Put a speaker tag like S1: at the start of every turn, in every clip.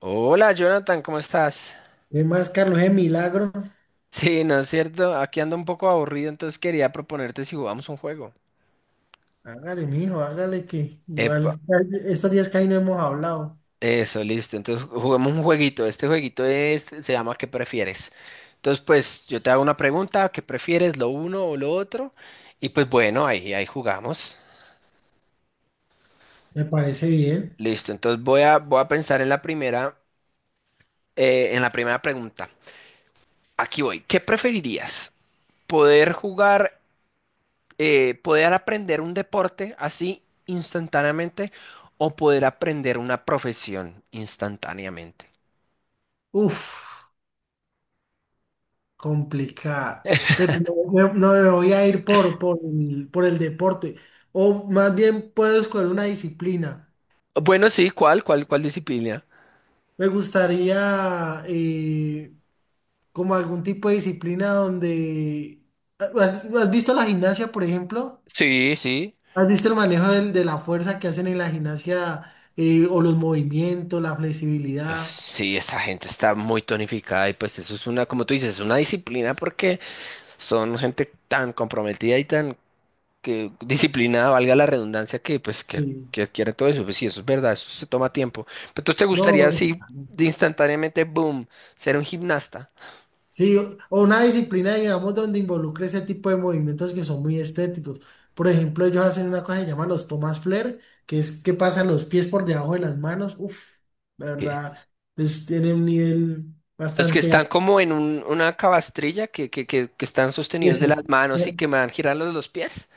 S1: Hola Jonathan, ¿cómo estás?
S2: ¿Qué más, Carlos? ¿Es milagro?
S1: Sí, ¿no es cierto? Aquí ando un poco aburrido, entonces quería proponerte si jugamos un juego.
S2: Hágale, mijo, hágale que igual
S1: Epa,
S2: estos días que ahí no hemos hablado.
S1: eso, listo. Entonces juguemos un jueguito. Este jueguito es, se llama ¿Qué prefieres? Entonces, pues yo te hago una pregunta, ¿qué prefieres, lo uno o lo otro? Y pues bueno, ahí jugamos.
S2: Me parece bien.
S1: Listo, entonces voy a pensar en la primera pregunta. Aquí voy. ¿Qué preferirías? ¿Poder jugar poder aprender un deporte así instantáneamente o poder aprender una profesión instantáneamente?
S2: Uf, complicado. Pero no, no me voy a ir por el deporte. O más bien puedo escoger una disciplina.
S1: Bueno, sí, ¿cuál? ¿Cuál? ¿Cuál disciplina?
S2: Me gustaría como algún tipo de disciplina donde... ¿Has visto la gimnasia, por ejemplo?
S1: Sí, sí.
S2: ¿Has visto el manejo de la fuerza que hacen en la gimnasia o los movimientos, la flexibilidad?
S1: Sí, esa gente está muy tonificada y pues eso es una, como tú dices, es una disciplina porque son gente tan comprometida y tan que disciplinada, valga la redundancia,
S2: Sí.
S1: que adquiere todo eso. Pues sí, eso es verdad, eso se toma tiempo. Pero entonces te gustaría
S2: No,
S1: así de instantáneamente, boom, ser un gimnasta.
S2: sí, o una disciplina, digamos, donde involucre ese tipo de movimientos que son muy estéticos. Por ejemplo, ellos hacen una cosa que se llama los Thomas Flair, que es que pasan los pies por debajo de las manos. Uf, la verdad, es, tiene un nivel
S1: Los que
S2: bastante
S1: están
S2: alto.
S1: como en un- una cabastrilla que están sostenidos de
S2: Esa.
S1: las manos y
S2: eh,
S1: que me van girando los pies.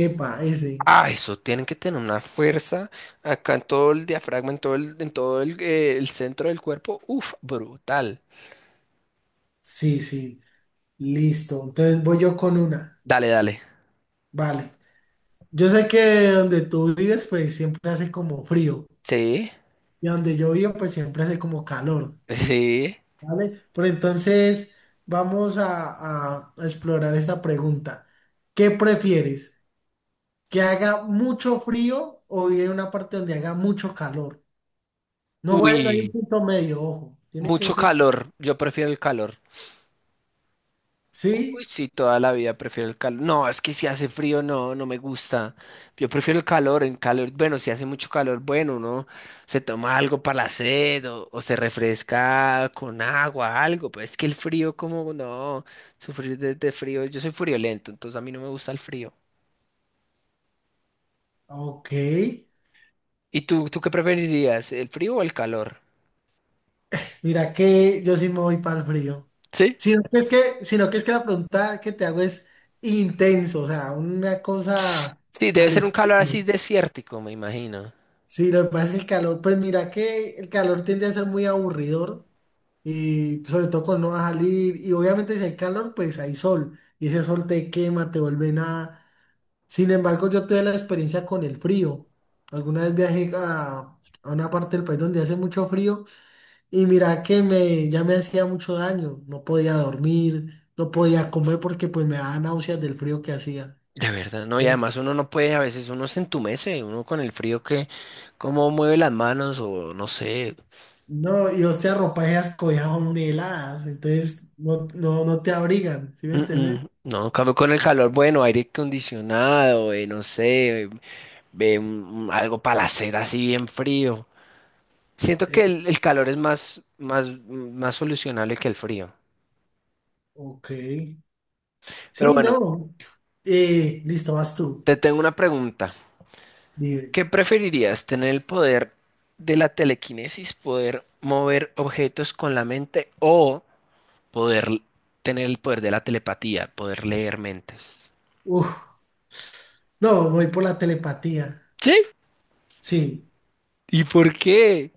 S2: Epa, ese.
S1: Ah, eso tienen que tener una fuerza acá en todo el diafragma, en todo el centro del cuerpo. Uf, brutal.
S2: Sí, sí, listo. Entonces voy yo con una.
S1: Dale, dale.
S2: Vale. Yo sé que donde tú vives, pues siempre hace como frío.
S1: Sí,
S2: Y donde yo vivo, pues siempre hace como calor.
S1: sí.
S2: ¿Vale? Pero entonces vamos a explorar esta pregunta. ¿Qué prefieres? ¿Que haga mucho frío o ir a una parte donde haga mucho calor? No, bueno, hay un
S1: Uy,
S2: punto medio, ojo. Tiene que
S1: mucho
S2: ser.
S1: calor. Yo prefiero el calor. Uy,
S2: ¿Sí?
S1: sí, toda la vida prefiero el calor. No, es que si hace frío, no, no me gusta. Yo prefiero el calor, en calor, bueno, si hace mucho calor, bueno, uno se toma algo para la sed o se refresca con agua, algo, pero es que el frío, como, no, sufrir de frío, yo soy friolento, entonces a mí no me gusta el frío.
S2: Ok.
S1: ¿Y tú qué preferirías, el frío o el calor?
S2: Mira que yo sí me voy para el frío.
S1: Sí.
S2: Sino que es que la pregunta que te hago es intenso, o sea, una cosa
S1: Sí, debe
S2: al
S1: ser un calor
S2: estilo.
S1: así desértico, me imagino.
S2: Sí, lo que pasa es que el calor, pues mira que el calor tiende a ser muy aburridor y sobre todo cuando no vas a salir y obviamente si hay calor, pues hay sol y ese sol te quema, te vuelve nada. Sin embargo, yo tuve la experiencia con el frío. Alguna vez viajé a una parte del país donde hace mucho frío. Y mira que me, ya me hacía mucho daño, no podía dormir, no podía comer porque pues me daba náuseas del frío que hacía.
S1: De verdad, no, y además uno no puede, a veces uno se entumece, uno con el frío que, cómo mueve las manos o no sé.
S2: No, y hostia, ropa esas cobijas son muy heladas, entonces no te abrigan, ¿sí me
S1: mm,
S2: entiendes?
S1: no, en cambio con el calor, bueno, aire acondicionado, no sé, ve un- algo para la sed así bien frío. Siento
S2: Eh,
S1: que el calor es más solucionable que el frío.
S2: ok.
S1: Pero
S2: Sí,
S1: bueno,
S2: no. Listo, vas tú.
S1: te tengo una pregunta.
S2: Dime.
S1: ¿Qué preferirías, tener el poder de la telequinesis, poder mover objetos con la mente o poder tener el poder de la telepatía, poder leer mentes?
S2: Uf. No, voy por la telepatía.
S1: Sí.
S2: Sí.
S1: ¿Y por qué?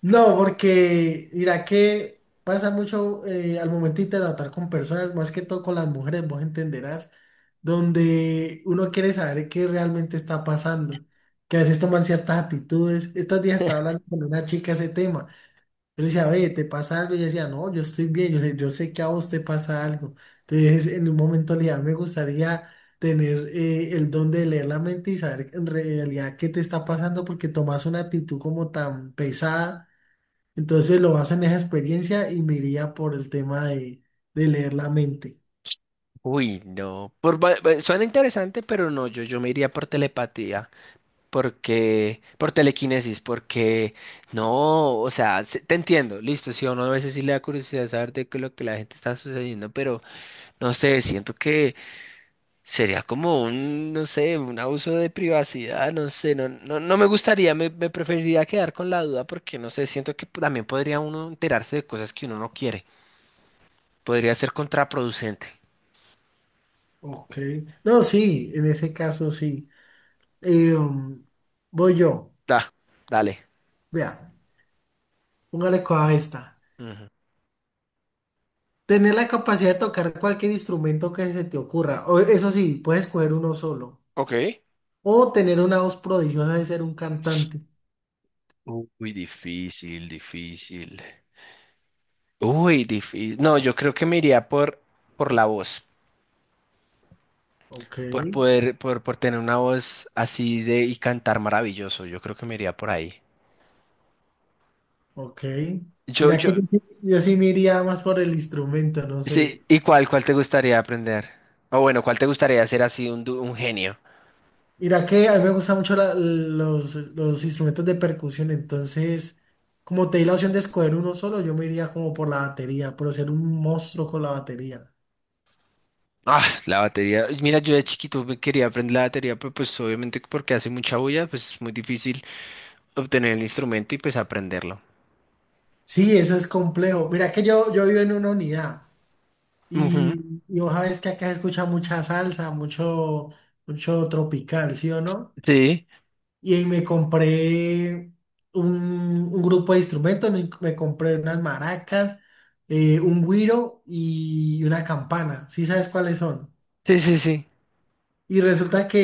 S2: No, porque mira que pasa mucho al momentito de tratar con personas, más que todo con las mujeres, vos entenderás, donde uno quiere saber qué realmente está pasando, que a veces toman ciertas actitudes. Estos días estaba hablando con una chica ese tema. Yo le decía, oye, ¿te pasa algo? Y ella decía, no, yo estoy bien, yo sé que a vos te pasa algo. Entonces, en un momento le dije, "A mí me gustaría tener el don de leer la mente y saber en realidad qué te está pasando, porque tomas una actitud como tan pesada entonces lo baso en esa experiencia y me iría por el tema de leer la mente.
S1: Uy, no. Por, va- va- suena interesante, pero no, yo me iría por telepatía, porque, por telequinesis, porque no, o sea, se- te entiendo, listo, si a uno a veces sí le da curiosidad saber de qué es lo que la gente está sucediendo, pero no sé, siento que sería como un, no sé, un abuso de privacidad, no sé, no, no, no me gustaría, me preferiría quedar con la duda porque, no sé, siento que también podría uno enterarse de cosas que uno no quiere. Podría ser contraproducente.
S2: Ok. No, sí, en ese caso sí. Eh, um, voy yo.
S1: Da, dale.
S2: Vea, póngale cuidado a esta.
S1: Ujú.
S2: Tener la capacidad de tocar cualquier instrumento que se te ocurra. O, eso sí, puedes escoger uno solo.
S1: Ok.
S2: O tener una voz prodigiosa de ser un cantante.
S1: Uy, difícil, difícil. Uy, difícil. No, yo creo que me iría por la voz,
S2: Ok,
S1: por poder, por tener una voz así de y cantar maravilloso. Yo creo que me iría por ahí.
S2: ok.
S1: Yo,
S2: Mira
S1: yo,
S2: que yo sí, yo sí me iría más por el instrumento, no
S1: Sí,
S2: sé.
S1: ¿y cuál te gustaría aprender? O bueno, ¿cuál te gustaría ser así un, du- un genio?
S2: Mira que a mí me gustan mucho los instrumentos de percusión, entonces, como te di la opción de escoger uno solo, yo me iría como por la batería, por ser un monstruo con la batería.
S1: Ah, la batería. Mira, yo de chiquito me quería aprender la batería, pero pues obviamente porque hace mucha bulla, pues es muy difícil obtener el instrumento y pues aprenderlo.
S2: Sí, eso es complejo. Mira que yo vivo en una unidad
S1: Ujú.
S2: y vos sabés que acá se escucha mucha salsa, mucho, mucho tropical, ¿sí o no?
S1: Sí,
S2: Y ahí me compré un, un grupo de instrumentos, me compré unas maracas, un güiro y una campana. ¿Sí sabes cuáles son?
S1: sí.
S2: Y resulta que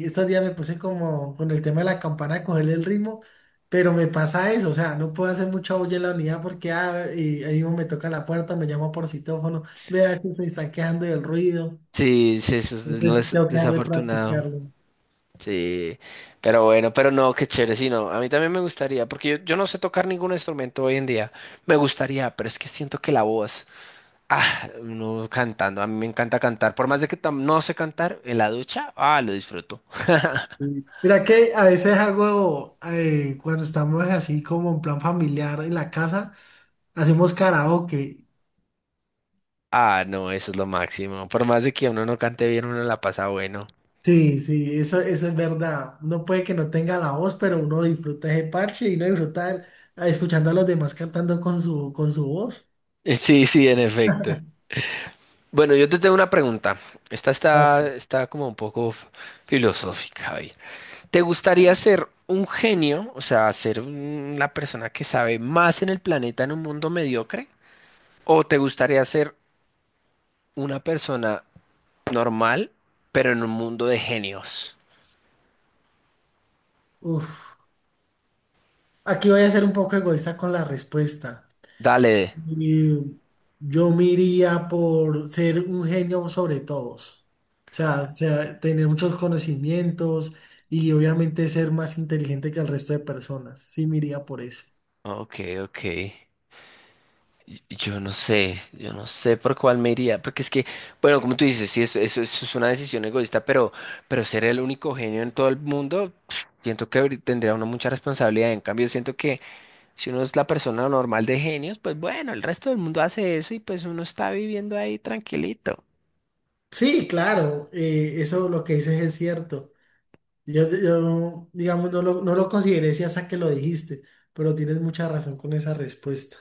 S2: estos días me puse como con el tema de la campana a cogerle el ritmo, pero me pasa eso, o sea, no puedo hacer mucha bulla en la unidad porque ahí mismo me toca la puerta, me llama por citófono, vea que se están quejando del ruido,
S1: Sí, sí, eso es lo
S2: entonces
S1: des-
S2: tengo que dejar de
S1: desafortunado.
S2: practicarlo.
S1: Sí, pero bueno, pero no, qué chévere, sí, no. A mí también me gustaría, porque yo no sé tocar ningún instrumento hoy en día. Me gustaría, pero es que siento que la voz. Ah, uno cantando, a mí me encanta cantar, por más de que tam- no sé cantar en la ducha, ah, lo disfruto.
S2: Sí. Mira que a veces hago, cuando estamos así como en plan familiar en la casa, hacemos karaoke.
S1: Ah, no, eso es lo máximo. Por más de que uno no cante bien, uno la pasa bueno.
S2: Sí, sí, eso es verdad. Uno puede que no tenga la voz, pero uno disfruta ese parche y uno disfruta escuchando a los demás cantando con su voz.
S1: Sí, sí, en efecto. Bueno, yo te tengo una pregunta.
S2: Vale.
S1: Está como un poco f- filosófica, Javier. ¿Te gustaría ser un genio, o sea, ser un- una persona que sabe más en el planeta en un mundo mediocre? ¿O te gustaría ser una persona normal, pero en un mundo de genios?
S2: Uf. Aquí voy a ser un poco egoísta con la respuesta.
S1: Dale.
S2: Y yo me iría por ser un genio sobre todos. O sea, tener muchos conocimientos y obviamente ser más inteligente que el resto de personas. Sí, me iría por eso.
S1: Ok, ok. Y- yo no sé, yo no sé por cuál me iría, porque es que, bueno, como tú dices, sí, eso es una decisión egoísta, pero ser el único genio en todo el mundo, pf, siento que habrí- tendría uno mucha responsabilidad. En cambio, siento que si uno es la persona normal de genios, pues bueno, el resto del mundo hace eso y pues uno está viviendo ahí tranquilito.
S2: Sí, claro, eso lo que dices es cierto. Yo, digamos, no lo consideré si hasta que lo dijiste, pero tienes mucha razón con esa respuesta.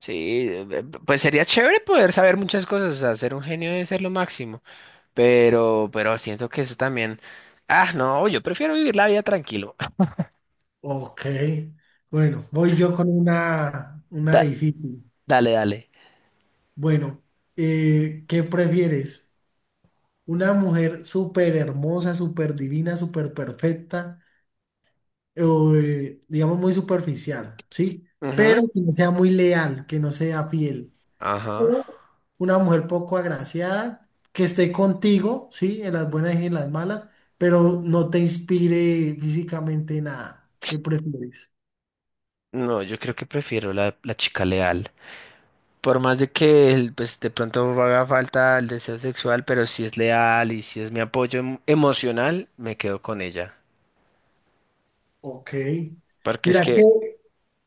S1: Sí, pues sería chévere poder saber muchas cosas, o sea, ser un genio debe ser lo máximo. Pero siento que eso también. Ah, no, yo prefiero vivir la vida tranquilo.
S2: Ok, bueno, voy yo con una
S1: Da-
S2: difícil.
S1: dale, dale.
S2: Bueno, ¿qué prefieres? ¿Una mujer súper hermosa, súper divina, súper perfecta, o digamos muy superficial, ¿sí?
S1: Ujú.
S2: Pero que no sea muy leal, que no sea fiel.
S1: Ajá.
S2: O una mujer poco agraciada que esté contigo, sí, en las buenas y en las malas, pero no te inspire físicamente nada. ¿Qué prefieres?
S1: No, yo creo que prefiero la chica leal. Por más de que el- pues, de pronto haga falta el deseo sexual, pero si es leal y si es mi apoyo em- emocional, me quedo con ella.
S2: Ok.
S1: Porque es
S2: Mira que
S1: que,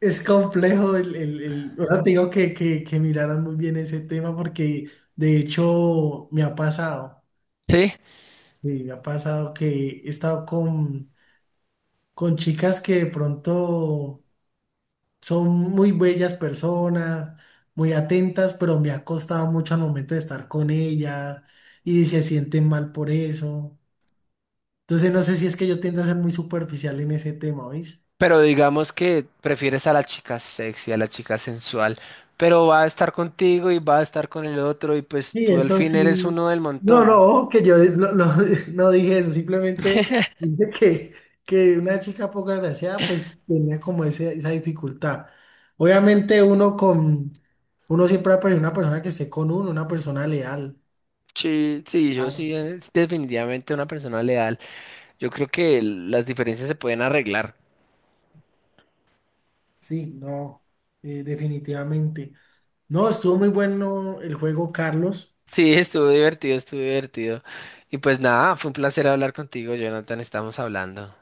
S2: es complejo ahora te digo que, que miraras muy bien ese tema porque de hecho me ha pasado,
S1: sí,
S2: sí, me ha pasado que he estado con chicas que de pronto son muy bellas personas, muy atentas, pero me ha costado mucho al momento de estar con ellas y se sienten mal por eso. Entonces no sé si es que yo tiendo a ser muy superficial en ese tema, ¿oís?
S1: pero digamos que prefieres a la chica sexy, a la chica sensual, pero va a estar contigo y va a estar con el otro y pues
S2: Sí,
S1: tú al
S2: eso
S1: fin eres
S2: sí.
S1: uno del
S2: No,
S1: montón.
S2: no, que yo no, no, no dije eso, simplemente dije que una chica poco agraciada pues tenía como ese, esa dificultad. Obviamente uno con, uno siempre va a preferir una persona que esté con uno, una persona leal.
S1: Sí, sí, yo
S2: Claro.
S1: sí, es definitivamente una persona leal. Yo creo que el- las diferencias se pueden arreglar.
S2: Sí, no, definitivamente. No, estuvo muy bueno el juego, Carlos.
S1: Sí, estuvo divertido, estuvo divertido. Y pues nada, fue un placer hablar contigo, Jonathan. Estamos hablando.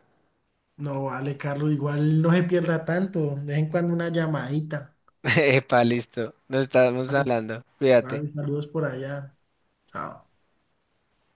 S2: No, vale, Carlos, igual no se pierda tanto. De vez en cuando una llamadita.
S1: Epa, listo. Nos estamos
S2: Vale,
S1: hablando.
S2: vale,
S1: Cuídate.
S2: saludos por allá. Chao.